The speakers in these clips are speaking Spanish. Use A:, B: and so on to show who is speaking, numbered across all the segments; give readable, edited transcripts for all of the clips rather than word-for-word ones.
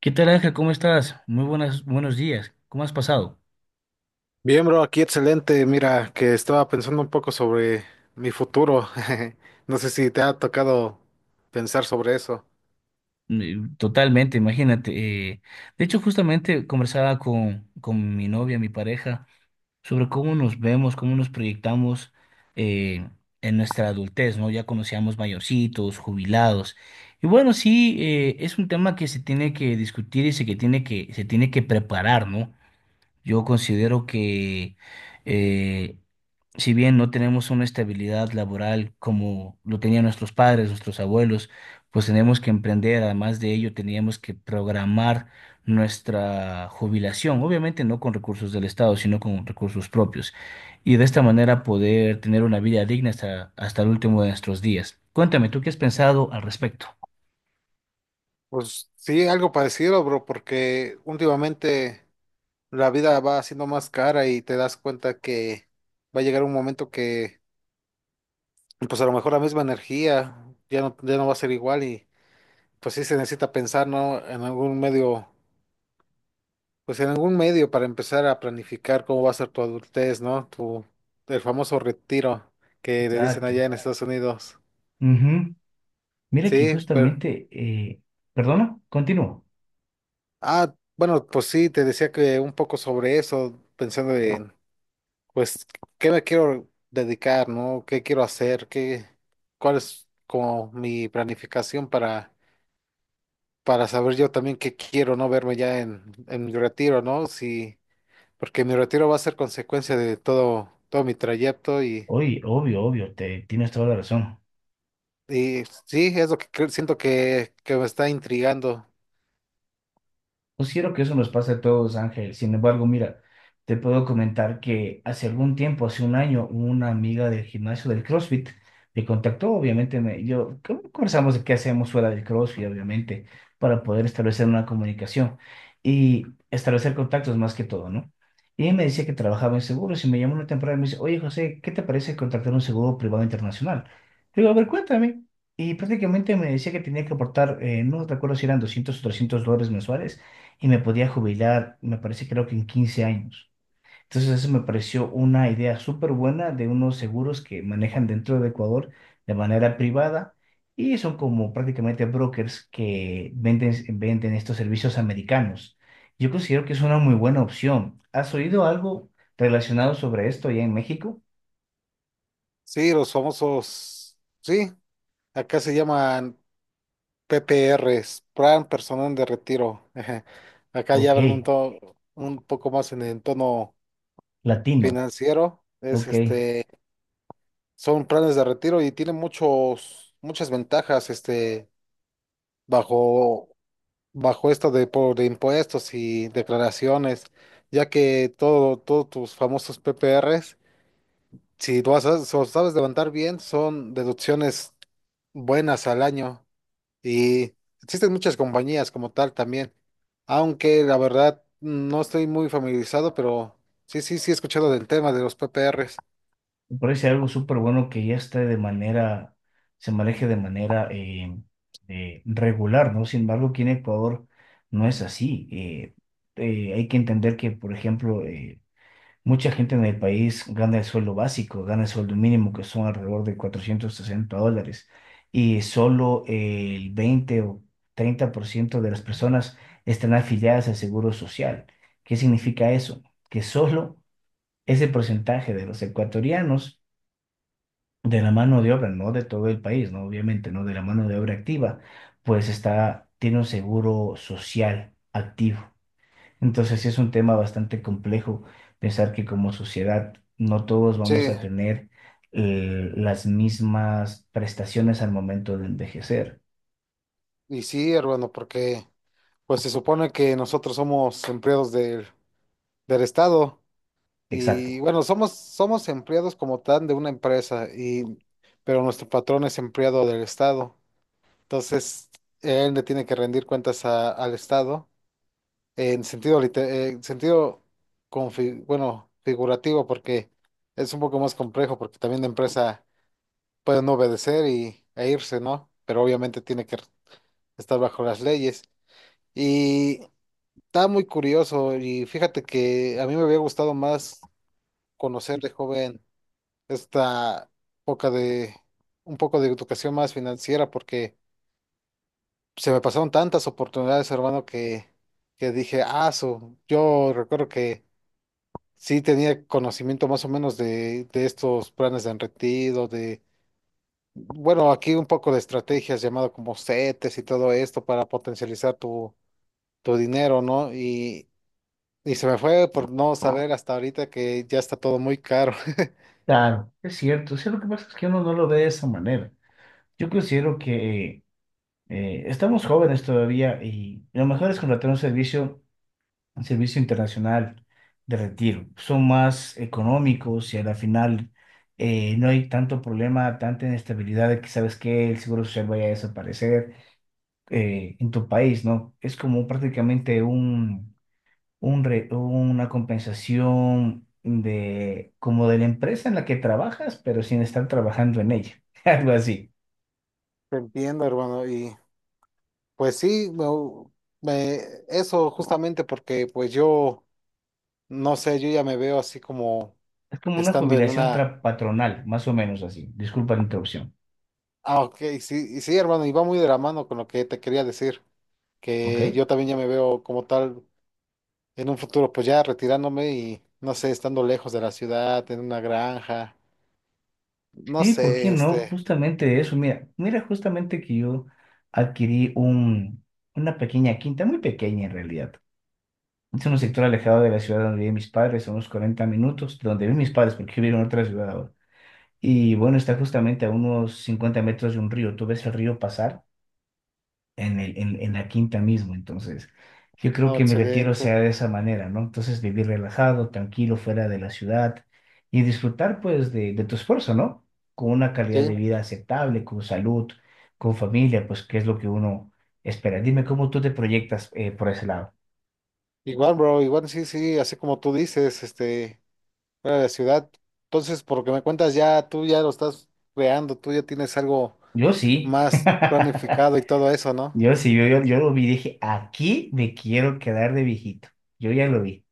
A: ¿Qué tal, Ángel? ¿Cómo estás? Muy buenas, buenos días. ¿Cómo has pasado?
B: Bien, bro, aquí excelente. Mira, que estaba pensando un poco sobre mi futuro. No sé si te ha tocado pensar sobre eso.
A: Totalmente, imagínate. De hecho, justamente conversaba con mi novia, mi pareja, sobre cómo nos vemos, cómo nos proyectamos eh, en nuestra adultez, ¿no? Ya conocíamos mayorcitos, jubilados. Y bueno, sí, es un tema que se tiene que discutir y se tiene que preparar, ¿no? Yo considero que eh, si bien no tenemos una estabilidad laboral como lo tenían nuestros padres, nuestros abuelos, pues tenemos que emprender, además de ello, teníamos que programar nuestra jubilación, obviamente no con recursos del Estado, sino con recursos propios, y de esta manera poder tener una vida digna hasta el último de nuestros días. Cuéntame, ¿tú qué has pensado al respecto?
B: Pues sí, algo parecido, bro, porque últimamente la vida va siendo más cara y te das cuenta que va a llegar un momento que, pues a lo mejor la misma energía ya no, ya no va a ser igual y pues sí se necesita pensar, ¿no? En algún medio. Pues en algún medio para empezar a planificar cómo va a ser tu adultez, ¿no? Tu, el famoso retiro que le dicen
A: Exacto.
B: allá en Estados Unidos.
A: Ujú. Mira que
B: Sí, pero...
A: justamente, perdona, continúo.
B: Ah, bueno, pues sí, te decía que un poco sobre eso, pensando en, pues, ¿qué me quiero dedicar, ¿no? ¿Qué quiero hacer? ¿Qué, cuál es como mi planificación para saber yo también qué quiero, ¿no? Verme ya en mi retiro, ¿no? Sí, porque mi retiro va a ser consecuencia de todo, todo mi trayecto y...
A: Oye, obvio, obvio, tienes toda la razón.
B: Y sí, es lo que siento que me está intrigando.
A: Considero que eso nos pasa a todos, Ángel. Sin embargo, mira, te puedo comentar que hace algún tiempo, hace un año, una amiga del gimnasio del CrossFit me contactó, obviamente, yo ¿cómo conversamos de qué hacemos fuera del CrossFit, obviamente, para poder establecer una comunicación y establecer contactos más que todo, ¿no? Y ella me decía que trabajaba en seguros y me llamó una temporada y me dice, oye, José, ¿qué te parece contactar un seguro privado internacional? Le digo, a ver, cuéntame. Y prácticamente me decía que tenía que aportar, no recuerdo si eran $200 o $300 mensuales y me podía jubilar, me parece creo que en 15 años. Entonces eso me pareció una idea súper buena de unos seguros que manejan dentro de Ecuador de manera privada y son como prácticamente brokers que venden estos servicios americanos. Yo considero que es una muy buena opción. ¿Has oído algo relacionado sobre esto allá en México?
B: Sí, los famosos, sí, acá se llaman PPRs, Plan Personal de Retiro. Ajá. Acá ya
A: Ok,
B: hablan un, un poco más en el tono
A: latino,
B: financiero. Es
A: ok.
B: este, son planes de retiro y tienen muchos, muchas ventajas, este, bajo, bajo esto de, por de impuestos y declaraciones, ya que todo, todos tus famosos PPRs. Si tú sabes, sabes levantar bien, son deducciones buenas al año y existen muchas compañías como tal también, aunque la verdad no estoy muy familiarizado, pero sí, he escuchado del tema de los PPRs.
A: Me parece algo súper bueno que ya esté de manera, se maneje de manera regular, ¿no? Sin embargo, aquí en Ecuador no es así. Hay que entender que, por ejemplo, mucha gente en el país gana el sueldo básico, gana el sueldo mínimo, que son alrededor de $460, y solo el 20 o 30% de las personas están afiliadas al Seguro Social. ¿Qué significa eso? Que solo ese porcentaje de los ecuatorianos de la mano de obra, no de todo el país, ¿no? Obviamente, ¿no? De la mano de obra activa, pues está, tiene un seguro social activo. Entonces, sí es un tema bastante complejo pensar que como sociedad no todos
B: Sí,
A: vamos a tener las mismas prestaciones al momento de envejecer.
B: y sí, hermano, porque pues se supone que nosotros somos empleados del Estado y
A: Exacto.
B: bueno, somos, somos empleados como tal de una empresa y pero nuestro patrón es empleado del Estado. Entonces, él le tiene que rendir cuentas al Estado en sentido, en sentido bueno, figurativo, porque es un poco más complejo, porque también la empresa puede no obedecer y, e irse, ¿no? Pero obviamente tiene que estar bajo las leyes. Y está muy curioso, y fíjate que a mí me había gustado más conocer de joven esta época de un poco de educación más financiera, porque se me pasaron tantas oportunidades, hermano, que dije, ah, su, yo recuerdo que sí tenía conocimiento más o menos de estos planes de enretido, de, bueno, aquí un poco de estrategias llamado como CETES y todo esto para potencializar tu, tu dinero, ¿no? Y se me fue por no saber hasta ahorita que ya está todo muy caro.
A: Claro, es cierto. Sí, lo que pasa es que uno no lo ve de esa manera. Yo considero que estamos jóvenes todavía y lo mejor es contratar un servicio el servicio internacional de retiro. Son más económicos y a la final no hay tanto problema, tanta inestabilidad de que sabes que el seguro social vaya a desaparecer en tu país, ¿no? Es como prácticamente una compensación de como de la empresa en la que trabajas, pero sin estar trabajando en ella, algo así.
B: Te entiendo, hermano, y pues sí, me- eso justamente porque pues yo, no sé, yo ya me veo así como
A: Es como una
B: estando en
A: jubilación
B: una...
A: patronal, más o menos así. Disculpa la interrupción,
B: Ah, ok, sí, y sí, hermano, y va muy de la mano con lo que te quería decir, que
A: ¿ok?
B: yo también ya me veo como tal en un futuro, pues ya retirándome y, no sé, estando lejos de la ciudad, en una granja, no
A: Sí, ¿por qué
B: sé,
A: no?
B: este,
A: Justamente eso, mira, mira justamente que yo adquirí una pequeña quinta, muy pequeña en realidad. Es un sector alejado de la ciudad donde viven mis padres, a unos 40 minutos, donde viven mis padres, porque vivieron en otra ciudad ahora. Y bueno, está justamente a unos 50 metros de un río. Tú ves el río pasar en la quinta mismo. Entonces, yo creo
B: no,
A: que mi retiro sea
B: excelente,
A: de esa manera, ¿no? Entonces, vivir relajado, tranquilo, fuera de la ciudad y disfrutar, pues, de tu esfuerzo, ¿no? Con una calidad
B: sí,
A: de vida aceptable, con salud, con familia, pues, que es lo que uno espera. Dime cómo tú te proyectas por ese lado.
B: igual, bro, igual, sí, sí, así como tú dices, este, fuera de la ciudad, entonces, por lo que me cuentas, ya tú ya lo estás creando, tú ya tienes algo
A: Yo sí.
B: más planificado y todo eso, ¿no?
A: Yo sí, yo lo vi y dije, aquí me quiero quedar de viejito. Yo ya lo vi.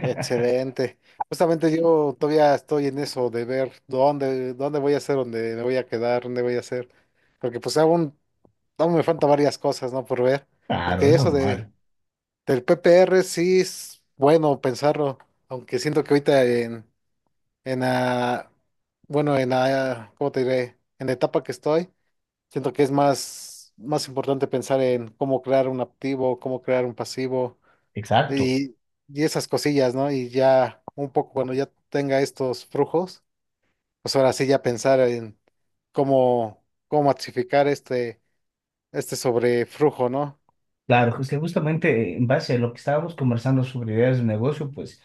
B: Excelente. Justamente yo todavía estoy en eso de ver dónde, dónde voy a hacer, dónde me voy a quedar, dónde voy a hacer. Porque pues aún, aún me faltan varias cosas, ¿no? Por ver.
A: Claro,
B: Porque
A: es
B: eso de,
A: normal.
B: del PPR sí es bueno pensarlo. Aunque siento que ahorita en la, bueno, en la, ¿cómo te diré? En la etapa que estoy, siento que es más, más importante pensar en cómo crear un activo, cómo crear un pasivo
A: Exacto.
B: y, y esas cosillas, ¿no? Y ya un poco cuando ya tenga estos flujos, pues ahora sí ya pensar en cómo, cómo masificar este, este sobreflujo, ¿no?
A: Claro, es que justamente en base a lo que estábamos conversando sobre ideas de negocio, pues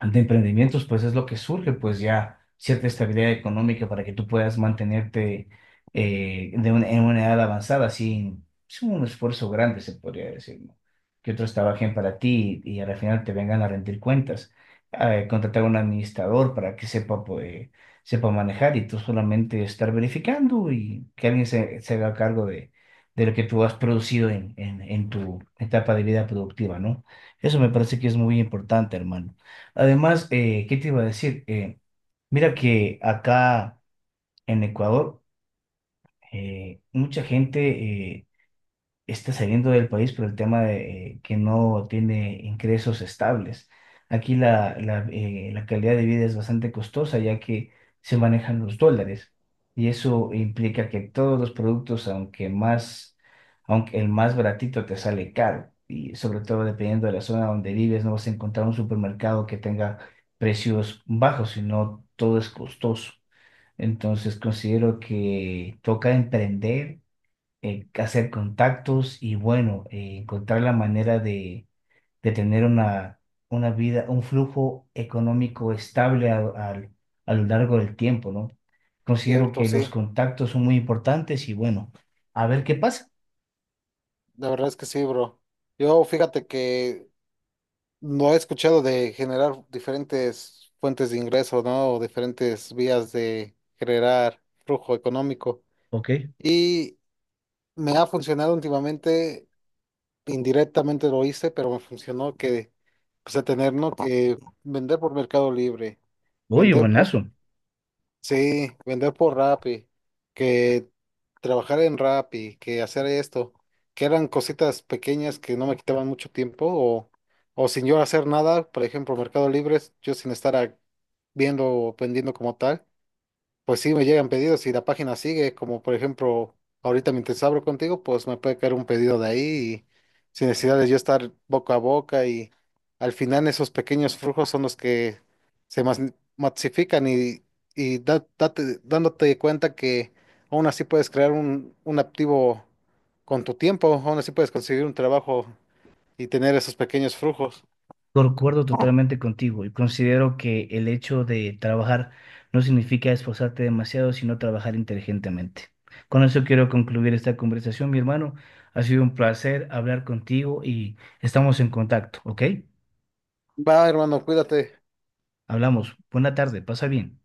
A: de emprendimientos, pues es lo que surge, pues ya cierta estabilidad económica para que tú puedas mantenerte en una edad avanzada sin un esfuerzo grande, se podría decir, ¿no? Que otros trabajen para ti y al final te vengan a rendir cuentas. Contratar a un administrador para que sepa, pues, sepa manejar y tú solamente estar verificando y que alguien se haga cargo de lo que tú has producido en tu etapa de vida productiva, ¿no? Eso me parece que es muy importante, hermano. Además, ¿qué te iba a decir? Mira que acá en Ecuador, mucha gente eh, está saliendo del país por el tema de que no tiene ingresos estables. Aquí la calidad de vida es bastante costosa ya que se manejan los dólares y eso implica que todos los productos, aunque más, aunque el más baratito te sale caro y sobre todo dependiendo de la zona donde vives, no vas a encontrar un supermercado que tenga precios bajos, sino todo es costoso. Entonces considero que toca emprender hacer contactos y bueno, encontrar la manera de tener una vida, un flujo económico estable a lo largo del tiempo, ¿no? Considero
B: Cierto,
A: que los
B: sí.
A: contactos son muy importantes y bueno, a ver qué pasa.
B: La verdad es que sí, bro. Yo fíjate que no he escuchado de generar diferentes fuentes de ingreso, ¿no? O diferentes vías de generar flujo económico.
A: Ok.
B: Y me ha funcionado últimamente indirectamente lo hice, pero me funcionó que, pues, a tener, ¿no? Que vender por Mercado Libre,
A: Oye,
B: vender por,
A: buenazo.
B: sí, vender por Rappi, que trabajar en Rappi, que hacer esto, que eran cositas pequeñas que no me quitaban mucho tiempo, o sin yo hacer nada, por ejemplo, Mercado Libre, yo sin viendo o vendiendo como tal. Pues sí, me llegan pedidos y la página sigue, como por ejemplo, ahorita mientras abro contigo, pues me puede caer un pedido de ahí y sin necesidad de yo estar boca a boca y al final esos pequeños flujos son los que masifican y, dándote cuenta que aún así puedes crear un activo con tu tiempo, aún así puedes conseguir un trabajo y tener esos pequeños flujos.
A: Concuerdo totalmente contigo y considero que el hecho de trabajar no significa esforzarte demasiado, sino trabajar inteligentemente. Con eso quiero concluir esta conversación, mi hermano. Ha sido un placer hablar contigo y estamos en contacto, ¿ok?
B: Va, hermano, cuídate.
A: Hablamos. Buena tarde, pasa bien.